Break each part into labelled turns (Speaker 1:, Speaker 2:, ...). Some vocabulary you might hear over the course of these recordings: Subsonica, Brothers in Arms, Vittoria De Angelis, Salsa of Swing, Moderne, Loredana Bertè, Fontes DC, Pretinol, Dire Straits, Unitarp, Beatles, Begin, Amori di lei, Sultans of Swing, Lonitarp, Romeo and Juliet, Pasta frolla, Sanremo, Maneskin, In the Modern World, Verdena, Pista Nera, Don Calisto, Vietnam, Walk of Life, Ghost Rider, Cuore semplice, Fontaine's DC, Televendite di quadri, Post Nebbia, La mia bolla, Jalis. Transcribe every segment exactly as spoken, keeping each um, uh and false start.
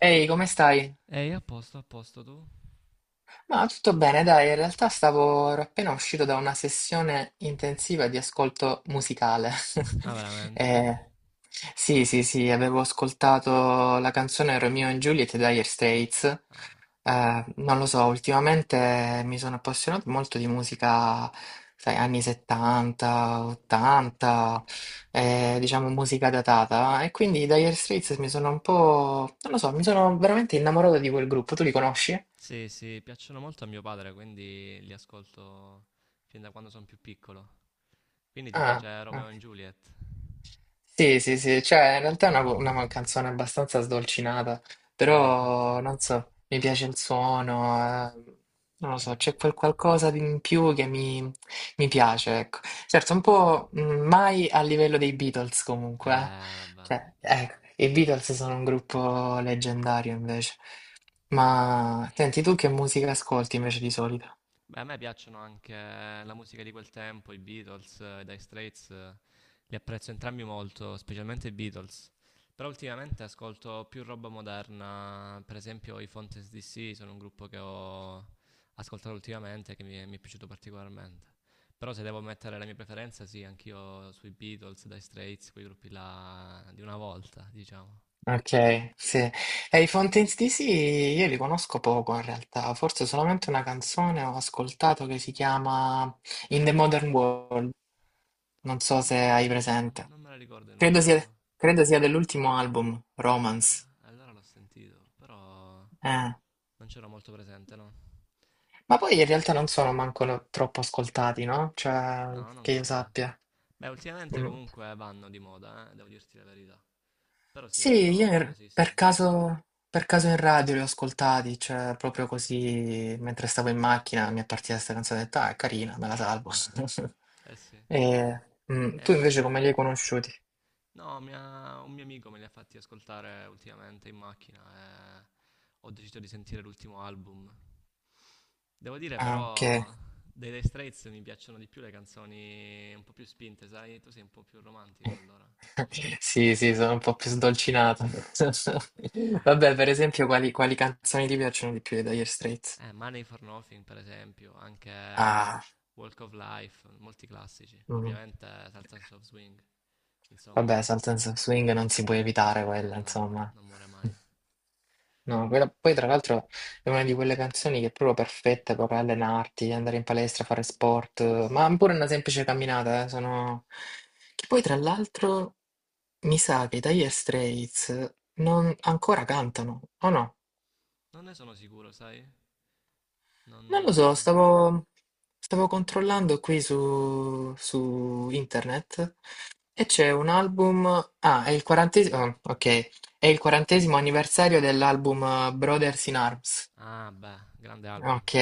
Speaker 1: Ehi, come stai?
Speaker 2: Ehi, a posto, a posto tu?
Speaker 1: Ma tutto bene, dai, in realtà stavo ero appena uscito da una sessione intensiva di ascolto musicale.
Speaker 2: Ah, veramente?
Speaker 1: Eh, sì, sì, sì, avevo ascoltato la canzone Romeo and Juliet di Dire Straits.
Speaker 2: Ah.
Speaker 1: Eh, non lo so, ultimamente mi sono appassionato molto di musica, sai, anni settanta, ottanta, eh, diciamo musica datata. E quindi i Dire Straits mi sono un po', non lo so, mi sono veramente innamorato di quel gruppo. Tu li conosci?
Speaker 2: Sì, sì, piacciono molto a mio padre, quindi li ascolto fin da quando sono più piccolo. Quindi ti
Speaker 1: Ah,
Speaker 2: piace
Speaker 1: ah.
Speaker 2: Romeo e Juliet?
Speaker 1: sì, sì, sì, cioè in realtà è una, una man- canzone abbastanza sdolcinata,
Speaker 2: Eh, infatti.
Speaker 1: però non so, mi piace il suono, eh, non lo so,
Speaker 2: Eh,
Speaker 1: c'è quel qualcosa di in più che mi, mi piace, ecco. Certo, un po' mh, mai a livello dei Beatles comunque, eh.
Speaker 2: eh, vabbè.
Speaker 1: Cioè, ecco, i Beatles sono un gruppo leggendario invece. Ma senti, tu che musica ascolti invece di solito?
Speaker 2: Beh, a me piacciono anche la musica di quel tempo, i Beatles, eh, i Dire Straits, eh, li apprezzo entrambi molto, specialmente i Beatles. Però ultimamente ascolto più roba moderna, per esempio i Fontes D C sono un gruppo che ho ascoltato ultimamente che mi è, mi è piaciuto particolarmente. Però se devo mettere la mia preferenza, sì, anch'io sui Beatles, Dire Straits, quei gruppi là di una volta, diciamo.
Speaker 1: Ok, sì. E i Fontaine's D C io li conosco poco in realtà, forse solamente una canzone ho ascoltato che si chiama In the Modern World, non so se
Speaker 2: No,
Speaker 1: hai
Speaker 2: non,
Speaker 1: presente.
Speaker 2: non me la ricordo in
Speaker 1: Credo
Speaker 2: realtà,
Speaker 1: sia,
Speaker 2: devo-
Speaker 1: credo sia dell'ultimo album, Romance.
Speaker 2: eh, allora l'ho sentito, però...
Speaker 1: Eh.
Speaker 2: Non c'ero molto presente, no?
Speaker 1: Ma poi in realtà non sono manco troppo ascoltati, no? Cioè,
Speaker 2: No, non
Speaker 1: che io
Speaker 2: credo.
Speaker 1: sappia.
Speaker 2: Beh, ultimamente
Speaker 1: Mm.
Speaker 2: comunque vanno di moda, eh, devo dirti la verità. Però sì,
Speaker 1: Sì,
Speaker 2: non sono
Speaker 1: io in- per
Speaker 2: famosissimi.
Speaker 1: caso, per caso in radio li ho ascoltati, cioè proprio così mentre stavo in macchina mi è partita questa canzone, ho detto, ah, è carina, me la salvo.
Speaker 2: Eh sì.
Speaker 1: E, mm,
Speaker 2: E
Speaker 1: tu invece
Speaker 2: invece,
Speaker 1: come li hai conosciuti?
Speaker 2: no, mi ha- un mio amico me li ha fatti ascoltare ultimamente in macchina e ho deciso di sentire l'ultimo album. Devo dire
Speaker 1: Ah, ok.
Speaker 2: però, dei Dire Straits mi piacciono di più le canzoni un po' più spinte, sai? Tu sei un po' più romantico allora.
Speaker 1: Sì, sì, sono un po' più sdolcinato.
Speaker 2: E beh,
Speaker 1: Vabbè,
Speaker 2: beh.
Speaker 1: per esempio, quali, quali canzoni ti piacciono di più dei Dire Straits?
Speaker 2: Eh, Money for Nothing, per esempio, anche
Speaker 1: Ah,
Speaker 2: Walk of Life, molti classici.
Speaker 1: mm.
Speaker 2: Ovviamente Salsa of Swing,
Speaker 1: Vabbè,
Speaker 2: insomma,
Speaker 1: Sultans of Swing non si può evitare
Speaker 2: eh
Speaker 1: quella,
Speaker 2: no,
Speaker 1: insomma.
Speaker 2: non muore mai.
Speaker 1: No, quella- poi tra l'altro è una di quelle canzoni che è proprio perfetta per allenarti, andare in palestra, fare sport,
Speaker 2: Eh
Speaker 1: eh,
Speaker 2: sì.
Speaker 1: ma pure una semplice camminata, eh, sono... Che poi tra l'altro mi sa che i Dire Straits non ancora cantano, o no?
Speaker 2: Non ne sono sicuro, sai? Non...
Speaker 1: Non lo so,
Speaker 2: eh,
Speaker 1: stavo, stavo controllando qui su, su internet e c'è un album... Ah, è il quarantesimo... ok, è il quarantesimo anniversario dell'album eh, Brothers in Arms.
Speaker 2: Ah, beh, grande album.
Speaker 1: Ok,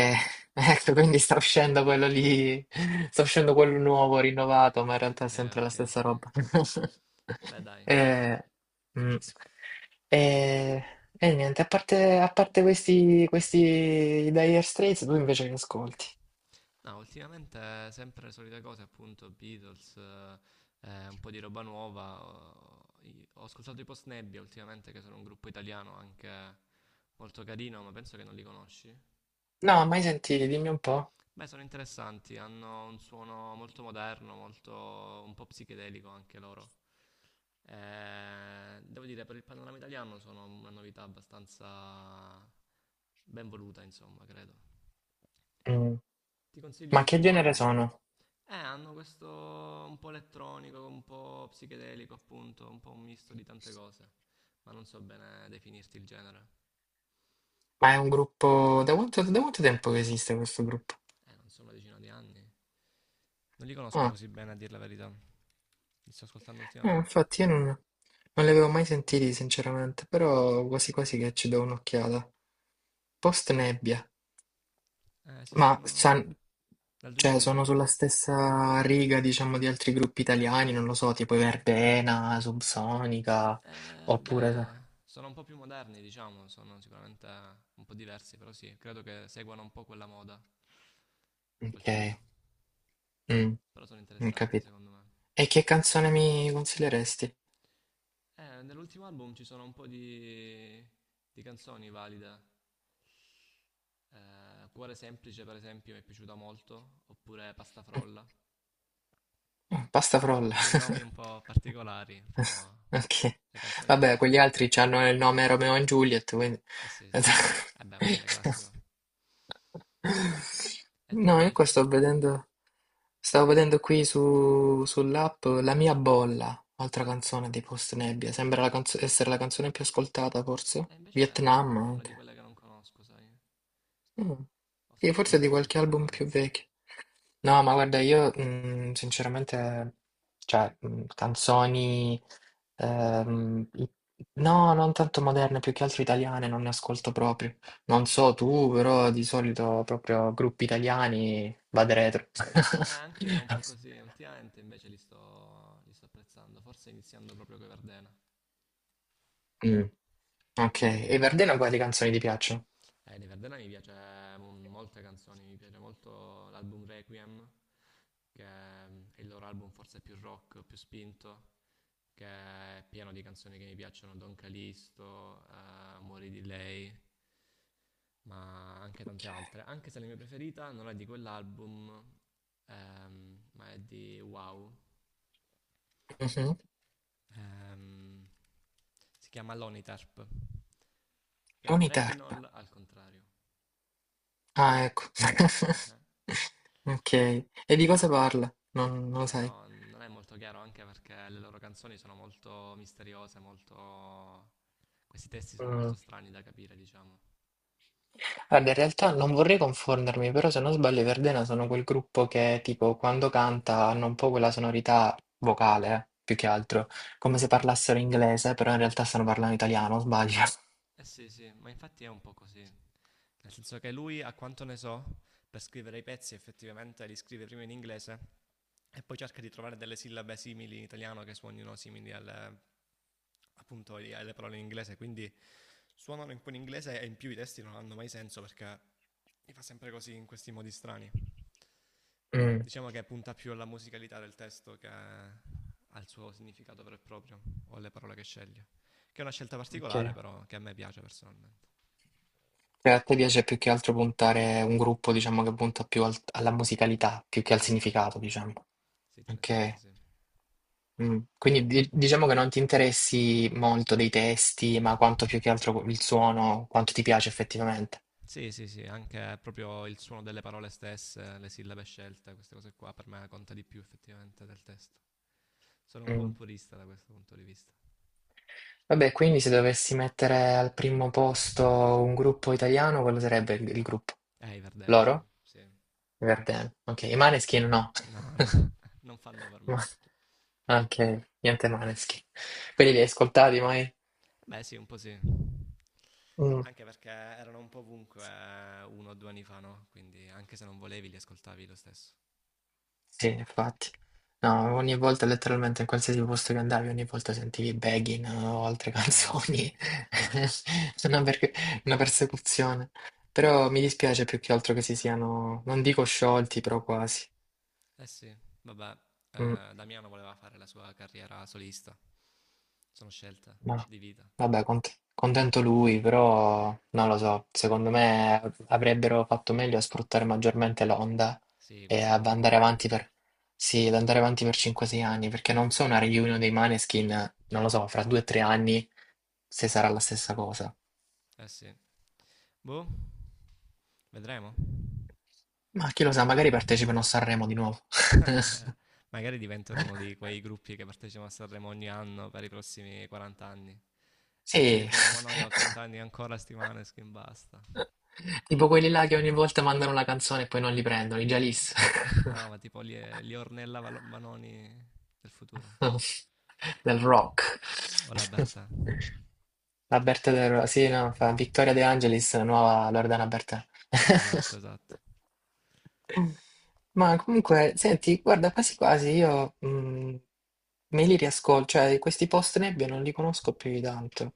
Speaker 1: ecco, quindi sta uscendo quello lì, sta uscendo quello nuovo, rinnovato, ma in realtà
Speaker 2: Ok,
Speaker 1: è sempre la
Speaker 2: ok,
Speaker 1: stessa
Speaker 2: ok.
Speaker 1: roba.
Speaker 2: Beh, dai.
Speaker 1: Eh, mm. E, e niente, a parte, a parte questi, questi Dire Straits, tu invece che ascolti?
Speaker 2: No, ultimamente eh, sempre le solite cose, appunto, Beatles, eh, eh, un po' di roba nuova. Ho, i- ho ascoltato i Post Nebbia ultimamente, che sono un gruppo italiano anche molto carino, ma penso che non li conosci.
Speaker 1: No, mai sentiti, dimmi un po'.
Speaker 2: Beh, sono interessanti, hanno un suono molto moderno, molto un po' psichedelico anche loro. Eh, devo dire, per il panorama italiano sono una novità abbastanza ben voluta, insomma, credo.
Speaker 1: Mm.
Speaker 2: Ti consiglio
Speaker 1: Ma che
Speaker 2: l'ultimo
Speaker 1: genere
Speaker 2: album.
Speaker 1: sono?
Speaker 2: Eh, hanno questo un po' elettronico, un po' psichedelico, appunto, un po' un misto di tante cose, ma non so bene definirti il genere.
Speaker 1: Ma è un gruppo... Da quanto, da quanto tempo che esiste questo gruppo?
Speaker 2: Eh, non so, una decina di anni. Non li conosco
Speaker 1: Ah.
Speaker 2: così bene, a dir la verità. Li sto ascoltando
Speaker 1: Eh,
Speaker 2: ultimamente.
Speaker 1: infatti io non, non li avevo mai sentiti sinceramente, però quasi quasi che ci do un'occhiata. Post Nebbia,
Speaker 2: Eh,
Speaker 1: ma
Speaker 2: esistono
Speaker 1: san-
Speaker 2: dal
Speaker 1: cioè, sono sulla
Speaker 2: duemiladiciotto.
Speaker 1: stessa riga, diciamo, di altri gruppi italiani, non lo so, tipo i Verbena, Subsonica,
Speaker 2: Eh,
Speaker 1: oppure...
Speaker 2: beh, sono un po' più moderni, diciamo, sono sicuramente un po' diversi, però sì, credo che seguano un po' quella moda, quel
Speaker 1: Ok,
Speaker 2: filo,
Speaker 1: mm,
Speaker 2: però sono
Speaker 1: ho
Speaker 2: interessanti
Speaker 1: capito.
Speaker 2: secondo me.
Speaker 1: E che canzone mi consiglieresti?
Speaker 2: Eh, nell'ultimo album ci sono un po' di, di canzoni valide. Eh, Cuore semplice, per esempio, mi è piaciuta molto, oppure Pasta frolla.
Speaker 1: Mm, Pasta frolla.
Speaker 2: Sì, nomi un po' particolari, però
Speaker 1: Ok,
Speaker 2: le canzoni sono
Speaker 1: vabbè, quegli
Speaker 2: valide.
Speaker 1: altri hanno il nome Romeo e Juliet, quindi...
Speaker 2: Eh sì, sì. Eh beh, è un grande classico. E tu
Speaker 1: No, io
Speaker 2: invece?
Speaker 1: qua sto vedendo, stavo vedendo qui su, sull'app La mia bolla, altra canzone di Post Nebbia, sembra la canzo- essere la canzone più ascoltata
Speaker 2: E
Speaker 1: forse,
Speaker 2: invece
Speaker 1: Vietnam
Speaker 2: è una di
Speaker 1: anche.
Speaker 2: quelle che non conosco, sai?
Speaker 1: Mm.
Speaker 2: Ho
Speaker 1: Sì,
Speaker 2: sentito
Speaker 1: forse
Speaker 2: di
Speaker 1: di
Speaker 2: più
Speaker 1: qualche
Speaker 2: l'ultimo
Speaker 1: album più
Speaker 2: album,
Speaker 1: vecchio. No, ma guarda, io mm, sinceramente, cioè, mm, canzoni...
Speaker 2: Moderne.
Speaker 1: Ehm, i no, non tanto moderne, più che altro italiane, non ne ascolto proprio. Non so tu, però di solito proprio gruppi italiani vado retro.
Speaker 2: Eh, anche io ero un po' così, ultimamente invece li sto, li sto apprezzando, forse iniziando proprio con Verdena.
Speaker 1: Mm, ok, e Verdena quali canzoni ti piacciono?
Speaker 2: Eh, di Verdena mi piace mon- molte canzoni, mi piace molto l'album Requiem, che è il loro album forse più rock, più spinto, che è pieno di canzoni che mi piacciono, Don Calisto, eh, Amori di lei, ma anche tante altre. Anche se la mia preferita non è di quell'album, ehm, ma è di wow.
Speaker 1: Mhm.
Speaker 2: Ehm, si chiama Lonitarp, che è
Speaker 1: Unitarp.
Speaker 2: Pretinol al contrario.
Speaker 1: Ah, ecco. Ok, e di cosa parla? Non, non lo
Speaker 2: Eh
Speaker 1: sai.
Speaker 2: no, non è molto chiaro anche perché le loro canzoni sono molto misteriose, molto... Questi testi sono molto strani da capire, diciamo.
Speaker 1: Guarda, in realtà non vorrei confondermi, però se non sbaglio i Verdena sono quel gruppo che tipo quando canta hanno un po' quella sonorità vocale, eh, più che altro, come se parlassero inglese, però in realtà stanno parlando italiano, sbaglio.
Speaker 2: Eh sì, sì, ma infatti è un po' così. Nel senso che lui, a quanto ne so, per scrivere i pezzi effettivamente li scrive prima in inglese e poi cerca di trovare delle sillabe simili in italiano che suonino simili alle, appunto, alle parole in inglese, quindi suonano un po' in inglese e in più i testi non hanno mai senso perché li fa sempre così in questi modi strani.
Speaker 1: Mm,
Speaker 2: Diciamo che punta più alla musicalità del testo che al suo significato vero e proprio o alle parole che sceglie. Che è una scelta
Speaker 1: ok.
Speaker 2: particolare però che a me piace personalmente.
Speaker 1: Cioè, a te piace più che altro puntare un gruppo, diciamo, che punta più al- alla musicalità, più che al
Speaker 2: Sì, sì,
Speaker 1: significato, diciamo.
Speaker 2: sì, tendenzialmente
Speaker 1: Ok.
Speaker 2: sì.
Speaker 1: Mm. Quindi di- diciamo che non ti interessi molto dei testi, ma quanto più che altro il suono, quanto ti piace effettivamente.
Speaker 2: Sì, sì, sì, anche proprio il suono delle parole stesse, le sillabe scelte, queste cose qua per me conta di più effettivamente del testo. Sono un po' un
Speaker 1: Mm.
Speaker 2: purista da questo punto di vista.
Speaker 1: Vabbè, quindi se dovessi mettere al primo posto un gruppo italiano, quello sarebbe il, il gruppo.
Speaker 2: Eh, i Verdena, sì.
Speaker 1: Loro?
Speaker 2: Sì.
Speaker 1: Verdena. Ok, i Maneskin no.
Speaker 2: No, no, non fanno per me.
Speaker 1: Ma- Ok, niente Maneskin. Quelli li hai ascoltati mai?
Speaker 2: Beh, sì, un po' sì.
Speaker 1: Mm.
Speaker 2: Anche perché erano un po' ovunque eh, uno o due anni fa, no? Quindi anche se non volevi li ascoltavi lo stesso.
Speaker 1: Sì, infatti. No, ogni volta letteralmente in qualsiasi posto che andavi, ogni volta sentivi Begin o altre
Speaker 2: Eh sì,
Speaker 1: canzoni. Una, perc- una persecuzione. Però mi dispiace più che altro che si siano, non dico sciolti, però quasi.
Speaker 2: eh sì. Vabbè,
Speaker 1: Mm.
Speaker 2: eh, Damiano voleva fare la sua carriera solista. Sono scelte
Speaker 1: No.
Speaker 2: di vita.
Speaker 1: Vabbè, cont- contento lui, però non lo so, secondo me avrebbero fatto meglio a sfruttare maggiormente l'onda
Speaker 2: Sì,
Speaker 1: e
Speaker 2: questo
Speaker 1: ad andare
Speaker 2: concordo.
Speaker 1: avanti per, sì, ad andare avanti per cinque sei anni, perché non so una reunion dei Maneskin, non lo so, fra due tre anni se sarà la stessa cosa.
Speaker 2: Eh sì. Boh, vedremo.
Speaker 1: Ma chi lo sa, magari partecipano a Sanremo di nuovo.
Speaker 2: Magari diventano uno di quei gruppi che partecipano a Sanremo ogni anno per i prossimi quaranta anni. E ce li
Speaker 1: Sì,
Speaker 2: troviamo noi a ottanta anni ancora, sti Maneskin, basta.
Speaker 1: tipo quelli là che ogni volta mandano una canzone e poi non li prendono, i
Speaker 2: No,
Speaker 1: Jalis.
Speaker 2: no, ma tipo li, li Ornella Val- Vanoni del futuro.
Speaker 1: Del rock.
Speaker 2: O la Bertè.
Speaker 1: Roberto Del Ro- sì, no, fa Vittoria De Angelis, la nuova Loredana Bertè.
Speaker 2: Esatto, esatto.
Speaker 1: Ma comunque, senti, guarda, quasi quasi io mh, me li riascolto, cioè questi post nebbia non li conosco più di tanto.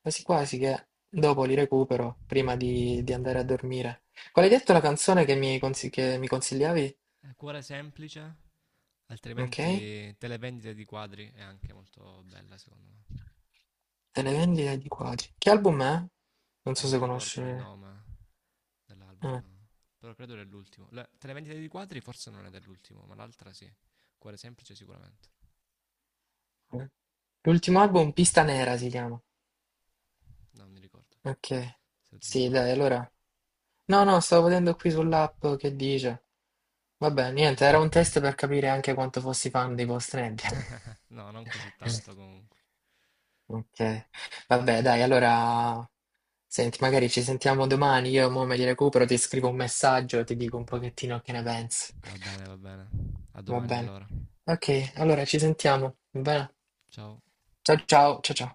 Speaker 1: Quasi quasi che dopo li recupero prima di, di andare a dormire. Qual hai detto la canzone che mi, consi- che mi consigliavi?
Speaker 2: Eh, Cuore semplice,
Speaker 1: Ok?
Speaker 2: altrimenti Televendite di quadri è anche molto bella secondo me.
Speaker 1: Delle vendite di quasi. Che album è? Non
Speaker 2: Eh,
Speaker 1: so
Speaker 2: non
Speaker 1: se conosci.
Speaker 2: ricordo il
Speaker 1: Eh,
Speaker 2: nome dell'album,
Speaker 1: eh.
Speaker 2: no. Però credo dell'ultimo. La- Televendite di quadri forse non è dell'ultimo, ma l'altra sì. Cuore semplice sicuramente.
Speaker 1: L'ultimo album, Pista Nera si chiama.
Speaker 2: No, non mi ricordo,
Speaker 1: Ok.
Speaker 2: se lo dici tu.
Speaker 1: Sì, dai, allora. No, no, stavo vedendo qui sull'app che dice. Vabbè, niente, era un test
Speaker 2: Mhm.
Speaker 1: per capire anche quanto fossi fan dei Ghost Rider.
Speaker 2: No, non così tanto comunque.
Speaker 1: Ok. Vabbè, dai, allora. Senti, magari ci sentiamo domani. Io mo me li recupero, ti scrivo un messaggio e ti dico un pochettino che ne pensi.
Speaker 2: Va bene, va bene. A
Speaker 1: Va
Speaker 2: domani
Speaker 1: bene.
Speaker 2: allora.
Speaker 1: Ok, allora ci sentiamo, va bene?
Speaker 2: Ciao.
Speaker 1: Ciao ciao, ciao ciao.